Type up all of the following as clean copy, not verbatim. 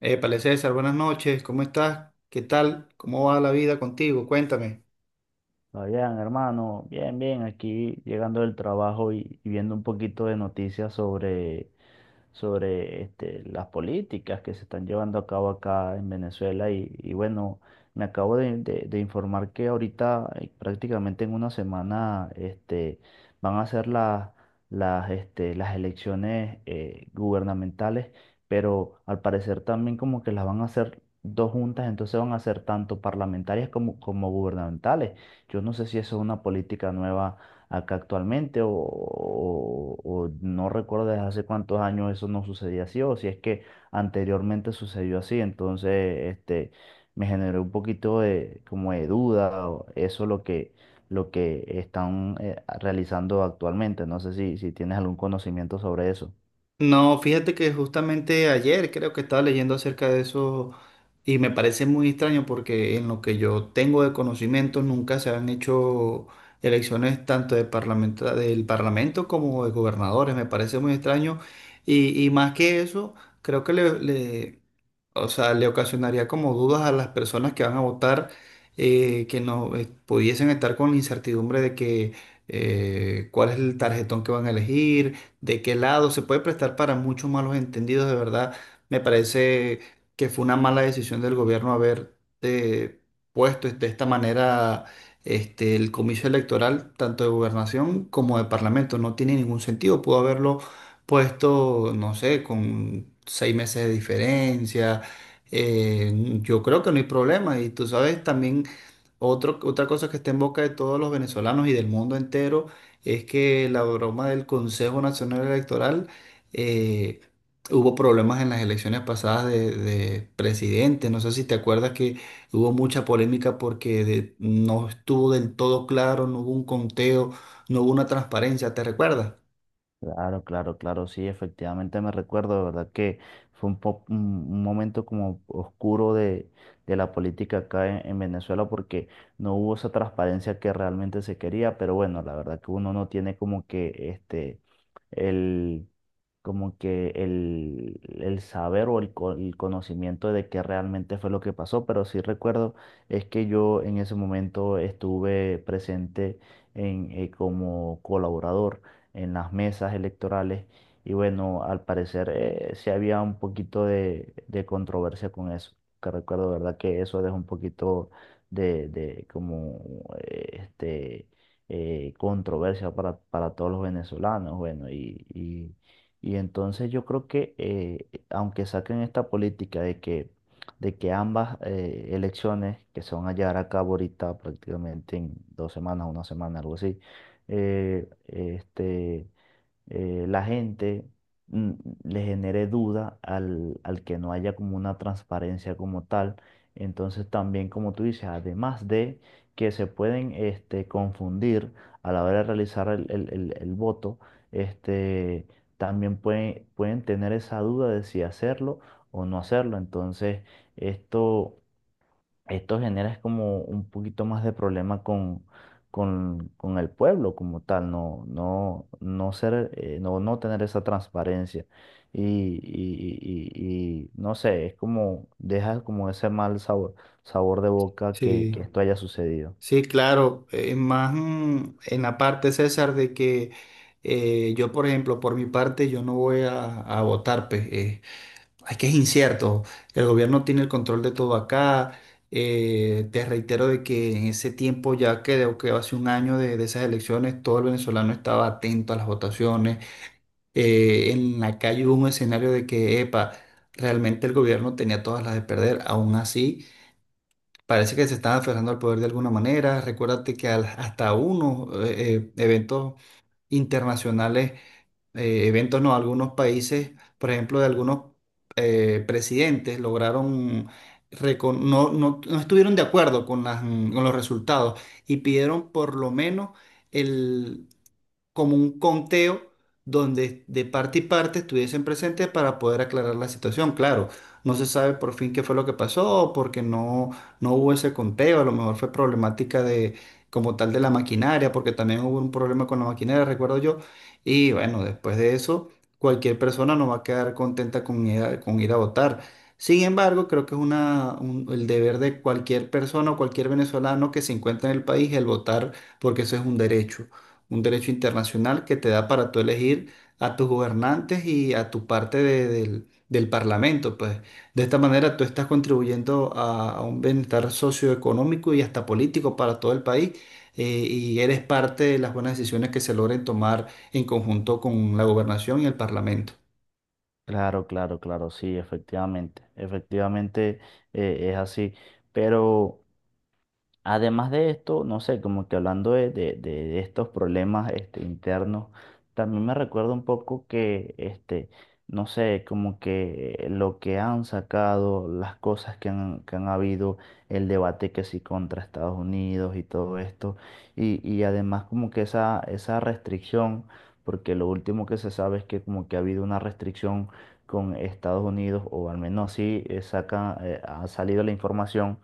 Épale, César, buenas noches, ¿cómo estás? ¿Qué tal? ¿Cómo va la vida contigo? Cuéntame. Oigan, hermano, bien, bien, aquí llegando del trabajo y viendo un poquito de noticias sobre este, las políticas que se están llevando a cabo acá en Venezuela y bueno, me acabo de informar que ahorita prácticamente en una semana este, van a ser este, las elecciones gubernamentales, pero al parecer también como que las van a hacer dos juntas, entonces van a ser tanto parlamentarias como gubernamentales. Yo no sé si eso es una política nueva acá actualmente o no recuerdo desde hace cuántos años eso no sucedía así o si es que anteriormente sucedió así, entonces este me generó un poquito de como de duda o eso lo que están realizando actualmente, no sé si tienes algún conocimiento sobre eso. No, fíjate que justamente ayer creo que estaba leyendo acerca de eso y me parece muy extraño porque en lo que yo tengo de conocimiento nunca se han hecho elecciones tanto de del Parlamento como de gobernadores, me parece muy extraño y más que eso, creo que o sea, le ocasionaría como dudas a las personas que van a votar, que no pudiesen estar con la incertidumbre de que cuál es el tarjetón que van a elegir, de qué lado, se puede prestar para muchos malos entendidos, de verdad, me parece que fue una mala decisión del gobierno haber eh, puesto de esta manera el comicio electoral, tanto de gobernación como de parlamento, no tiene ningún sentido, pudo haberlo puesto, no sé, con 6 meses de diferencia eh, yo creo que no hay problema. Y tú sabes, también otra cosa que está en boca de todos los venezolanos y del mundo entero es que la broma del Consejo Nacional Electoral eh, hubo problemas en las elecciones pasadas de presidente. No sé si te acuerdas que hubo mucha polémica porque no estuvo del todo claro, no hubo un conteo, no hubo una transparencia. ¿Te recuerdas? Claro, claro, claro, sí, efectivamente me recuerdo, de verdad que fue un momento como oscuro de la política acá en Venezuela porque no hubo esa transparencia que realmente se quería, pero bueno, la verdad que uno no tiene como que este, el, el saber o el conocimiento de qué realmente fue lo que pasó, pero sí recuerdo es que yo en ese momento estuve presente como colaborador en las mesas electorales. Y bueno, al parecer sí había un poquito de controversia con eso. Que recuerdo, ¿verdad? Que eso deja un poquito de como este, controversia para todos los venezolanos. Bueno, y entonces yo creo que aunque saquen esta política de que, ambas elecciones que se van a llevar a cabo ahorita prácticamente en 2 semanas, una semana, algo así, este, la gente mm, le genere duda al que no haya como una transparencia como tal. Entonces también, como tú dices, además de que se pueden este, confundir a la hora de realizar el voto, este, también pueden tener esa duda de si hacerlo o no hacerlo. Entonces, esto esto genera es como un poquito más de problema con el pueblo como tal, no, no, no ser, no, no tener esa transparencia. No sé, es como, deja como ese mal sabor de boca Sí. que esto haya sucedido. Sí, claro, más en la parte, César, de que yo, por ejemplo, por mi parte, yo no voy a votar, pues, es que es incierto, el gobierno tiene el control de todo acá, te reitero de que en ese tiempo, ya creo que hace un año de esas elecciones, todo el venezolano estaba atento a las votaciones, en la calle hubo un escenario de que, epa, realmente el gobierno tenía todas las de perder, aún así. Parece que se están aferrando al poder de alguna manera. Recuérdate que hasta unos eventos internacionales, eventos no, algunos países, por ejemplo, de algunos presidentes, lograron, no estuvieron de acuerdo con con los resultados y pidieron por lo menos como un conteo donde de parte y parte estuviesen presentes para poder aclarar la situación. Claro, no se sabe por fin qué fue lo que pasó, porque no hubo ese conteo, a lo mejor fue problemática como tal de la maquinaria, porque también hubo un problema con la maquinaria, recuerdo yo, y bueno, después de eso, cualquier persona no va a quedar contenta con ir a votar. Sin embargo, creo que es el deber de cualquier persona o cualquier venezolano que se encuentra en el país el votar, porque eso es un derecho internacional que te da para tú elegir a tus gobernantes y a tu parte del parlamento, pues. De esta manera tú estás contribuyendo a un bienestar socioeconómico y hasta político para todo el país, eh, y eres parte de las buenas decisiones que se logren tomar en conjunto con la gobernación y el parlamento. Claro, claro, claro, sí, efectivamente, efectivamente es así, pero... Además de esto, no sé, como que hablando de estos problemas este, internos, también me recuerda un poco que, este, no sé, como que lo que han sacado, las cosas que han habido, el debate que sí contra Estados Unidos y todo esto, y además como que esa restricción, porque lo último que se sabe es que como que ha habido una restricción con Estados Unidos, o al menos así ha salido la información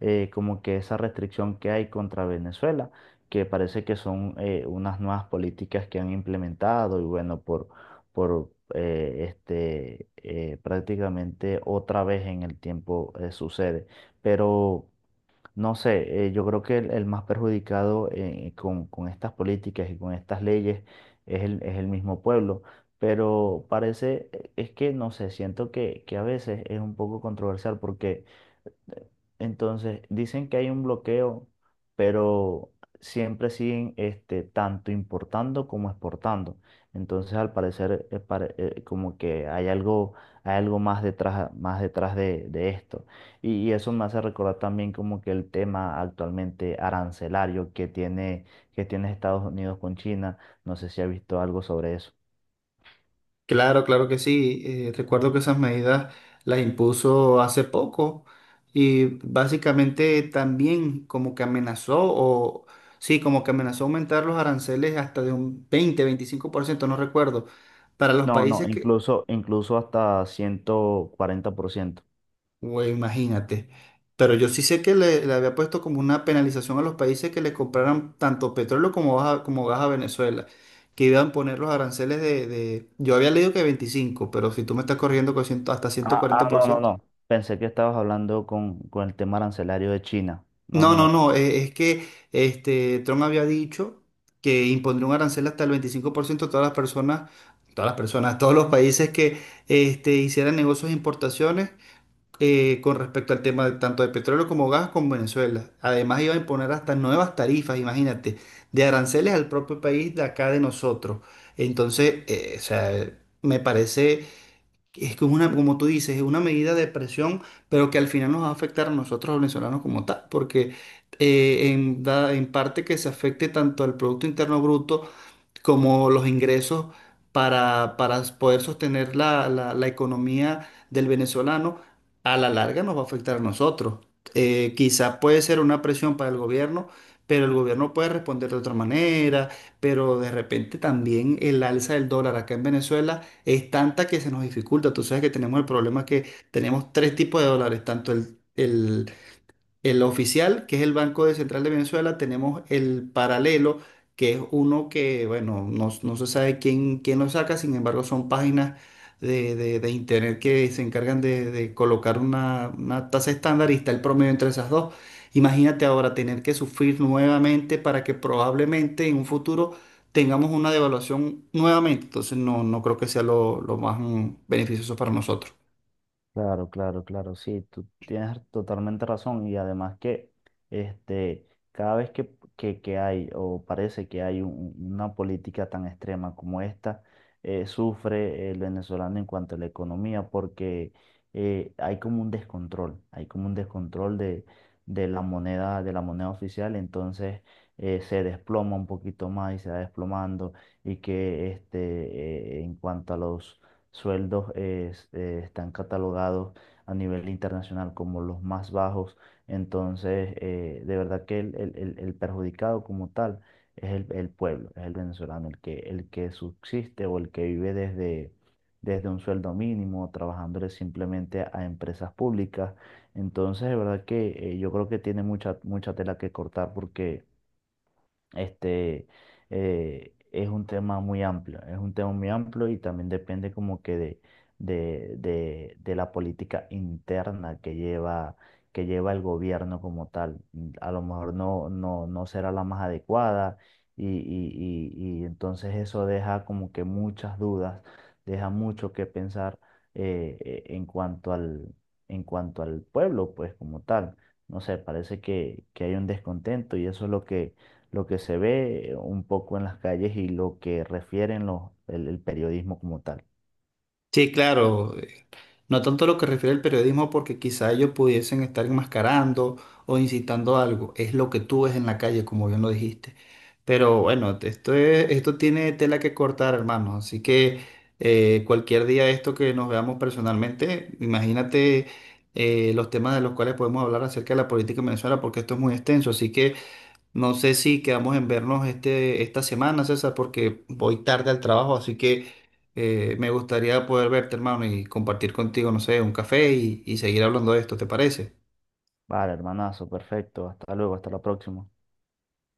como que esa restricción que hay contra Venezuela, que parece que son unas nuevas políticas que han implementado y bueno, por este, prácticamente otra vez en el tiempo sucede. Pero no sé, yo creo que el más perjudicado con estas políticas y con estas leyes es el mismo pueblo. Pero parece, es que no sé, siento que a veces es un poco controversial porque entonces, dicen que hay un bloqueo, pero siempre siguen este, tanto importando como exportando. Entonces, al parecer, como que hay algo más detrás, de esto. Y eso me hace recordar también como que el tema actualmente arancelario que tiene Estados Unidos con China. No sé si ha visto algo sobre eso. Claro, claro que sí. Recuerdo que esas medidas las impuso hace poco y básicamente también como que amenazó o sí, como que amenazó aumentar los aranceles hasta de un 20, 25%, no recuerdo, para los No, no, países que, incluso, incluso hasta 140%. güey, imagínate. Pero yo sí sé que le había puesto como una penalización a los países que le compraran tanto petróleo como gas a Venezuela, que iban a poner los aranceles. Yo había leído que 25, pero si tú me estás corriendo con 100 hasta ciento- Ah, cuarenta ah, por no, no, ciento. no. Pensé que estabas hablando con el tema arancelario de China. No, No, no, no, no. no, es que Trump había dicho que impondría un arancel hasta el 25% a todas las personas, todos los países que hicieran negocios de importaciones con respecto al tema, tanto de petróleo como gas con Venezuela. Además iba a imponer hasta nuevas tarifas, imagínate, de aranceles al propio país de acá de nosotros. Entonces, o sea, me parece es como una, como tú dices, es una medida de presión, pero que al final nos va a afectar a nosotros los venezolanos como tal, porque en parte que se afecte tanto al Producto Interno Bruto, como los ingresos para poder sostener la economía del venezolano, a la larga nos va a afectar a nosotros. Quizá puede ser una presión para el gobierno, pero el gobierno puede responder de otra manera, pero de repente también el alza del dólar acá en Venezuela es tanta que se nos dificulta. Tú sabes que tenemos el problema que tenemos tres tipos de dólares, tanto el... El oficial, que es el Banco de Central de Venezuela, tenemos el paralelo, que es uno que, bueno, no se sabe quién lo saca, sin embargo, son páginas de internet que se encargan de colocar una tasa estándar y está el promedio entre esas dos. Imagínate ahora tener que sufrir nuevamente para que probablemente en un futuro tengamos una devaluación nuevamente. Entonces, no creo que sea lo más beneficioso para nosotros. Claro, claro, claro, sí, tú tienes totalmente razón y además que este, cada vez que hay o parece que hay una política tan extrema como esta, sufre el venezolano en cuanto a la economía porque hay como un descontrol, de la moneda oficial, entonces se desploma un poquito más y se va desplomando y que este, en cuanto a los sueldos están catalogados a nivel internacional como los más bajos. Entonces, de verdad que el perjudicado como tal es el pueblo, es el venezolano, el que subsiste o el que vive desde un sueldo mínimo, trabajándole simplemente a empresas públicas. Entonces, de verdad que yo creo que tiene mucha, mucha tela que cortar porque este, es un tema muy amplio, es un tema muy amplio y también depende como que de la política interna que lleva el gobierno como tal. A lo mejor no, no, no será la más adecuada y entonces eso deja como que muchas dudas, deja mucho que pensar en cuanto en cuanto al pueblo, pues como tal. No sé, parece que hay un descontento y eso es lo que se ve un poco en las calles y lo que refieren el periodismo como tal. Sí, claro. No tanto lo que refiere al periodismo, porque quizá ellos pudiesen estar enmascarando o incitando a algo. Es lo que tú ves en la calle, como bien lo dijiste. Pero bueno, esto tiene tela que cortar, hermano. Así que cualquier día de esto que nos veamos personalmente, imagínate los temas de los cuales podemos hablar acerca de la política en Venezuela, porque esto es muy extenso. Así que no sé si quedamos en vernos esta semana, César, porque voy tarde al trabajo, así que me gustaría poder verte, hermano, y compartir contigo, no sé, un café y seguir hablando de esto, ¿te parece? Vale, hermanazo, perfecto. Hasta luego, hasta la próxima.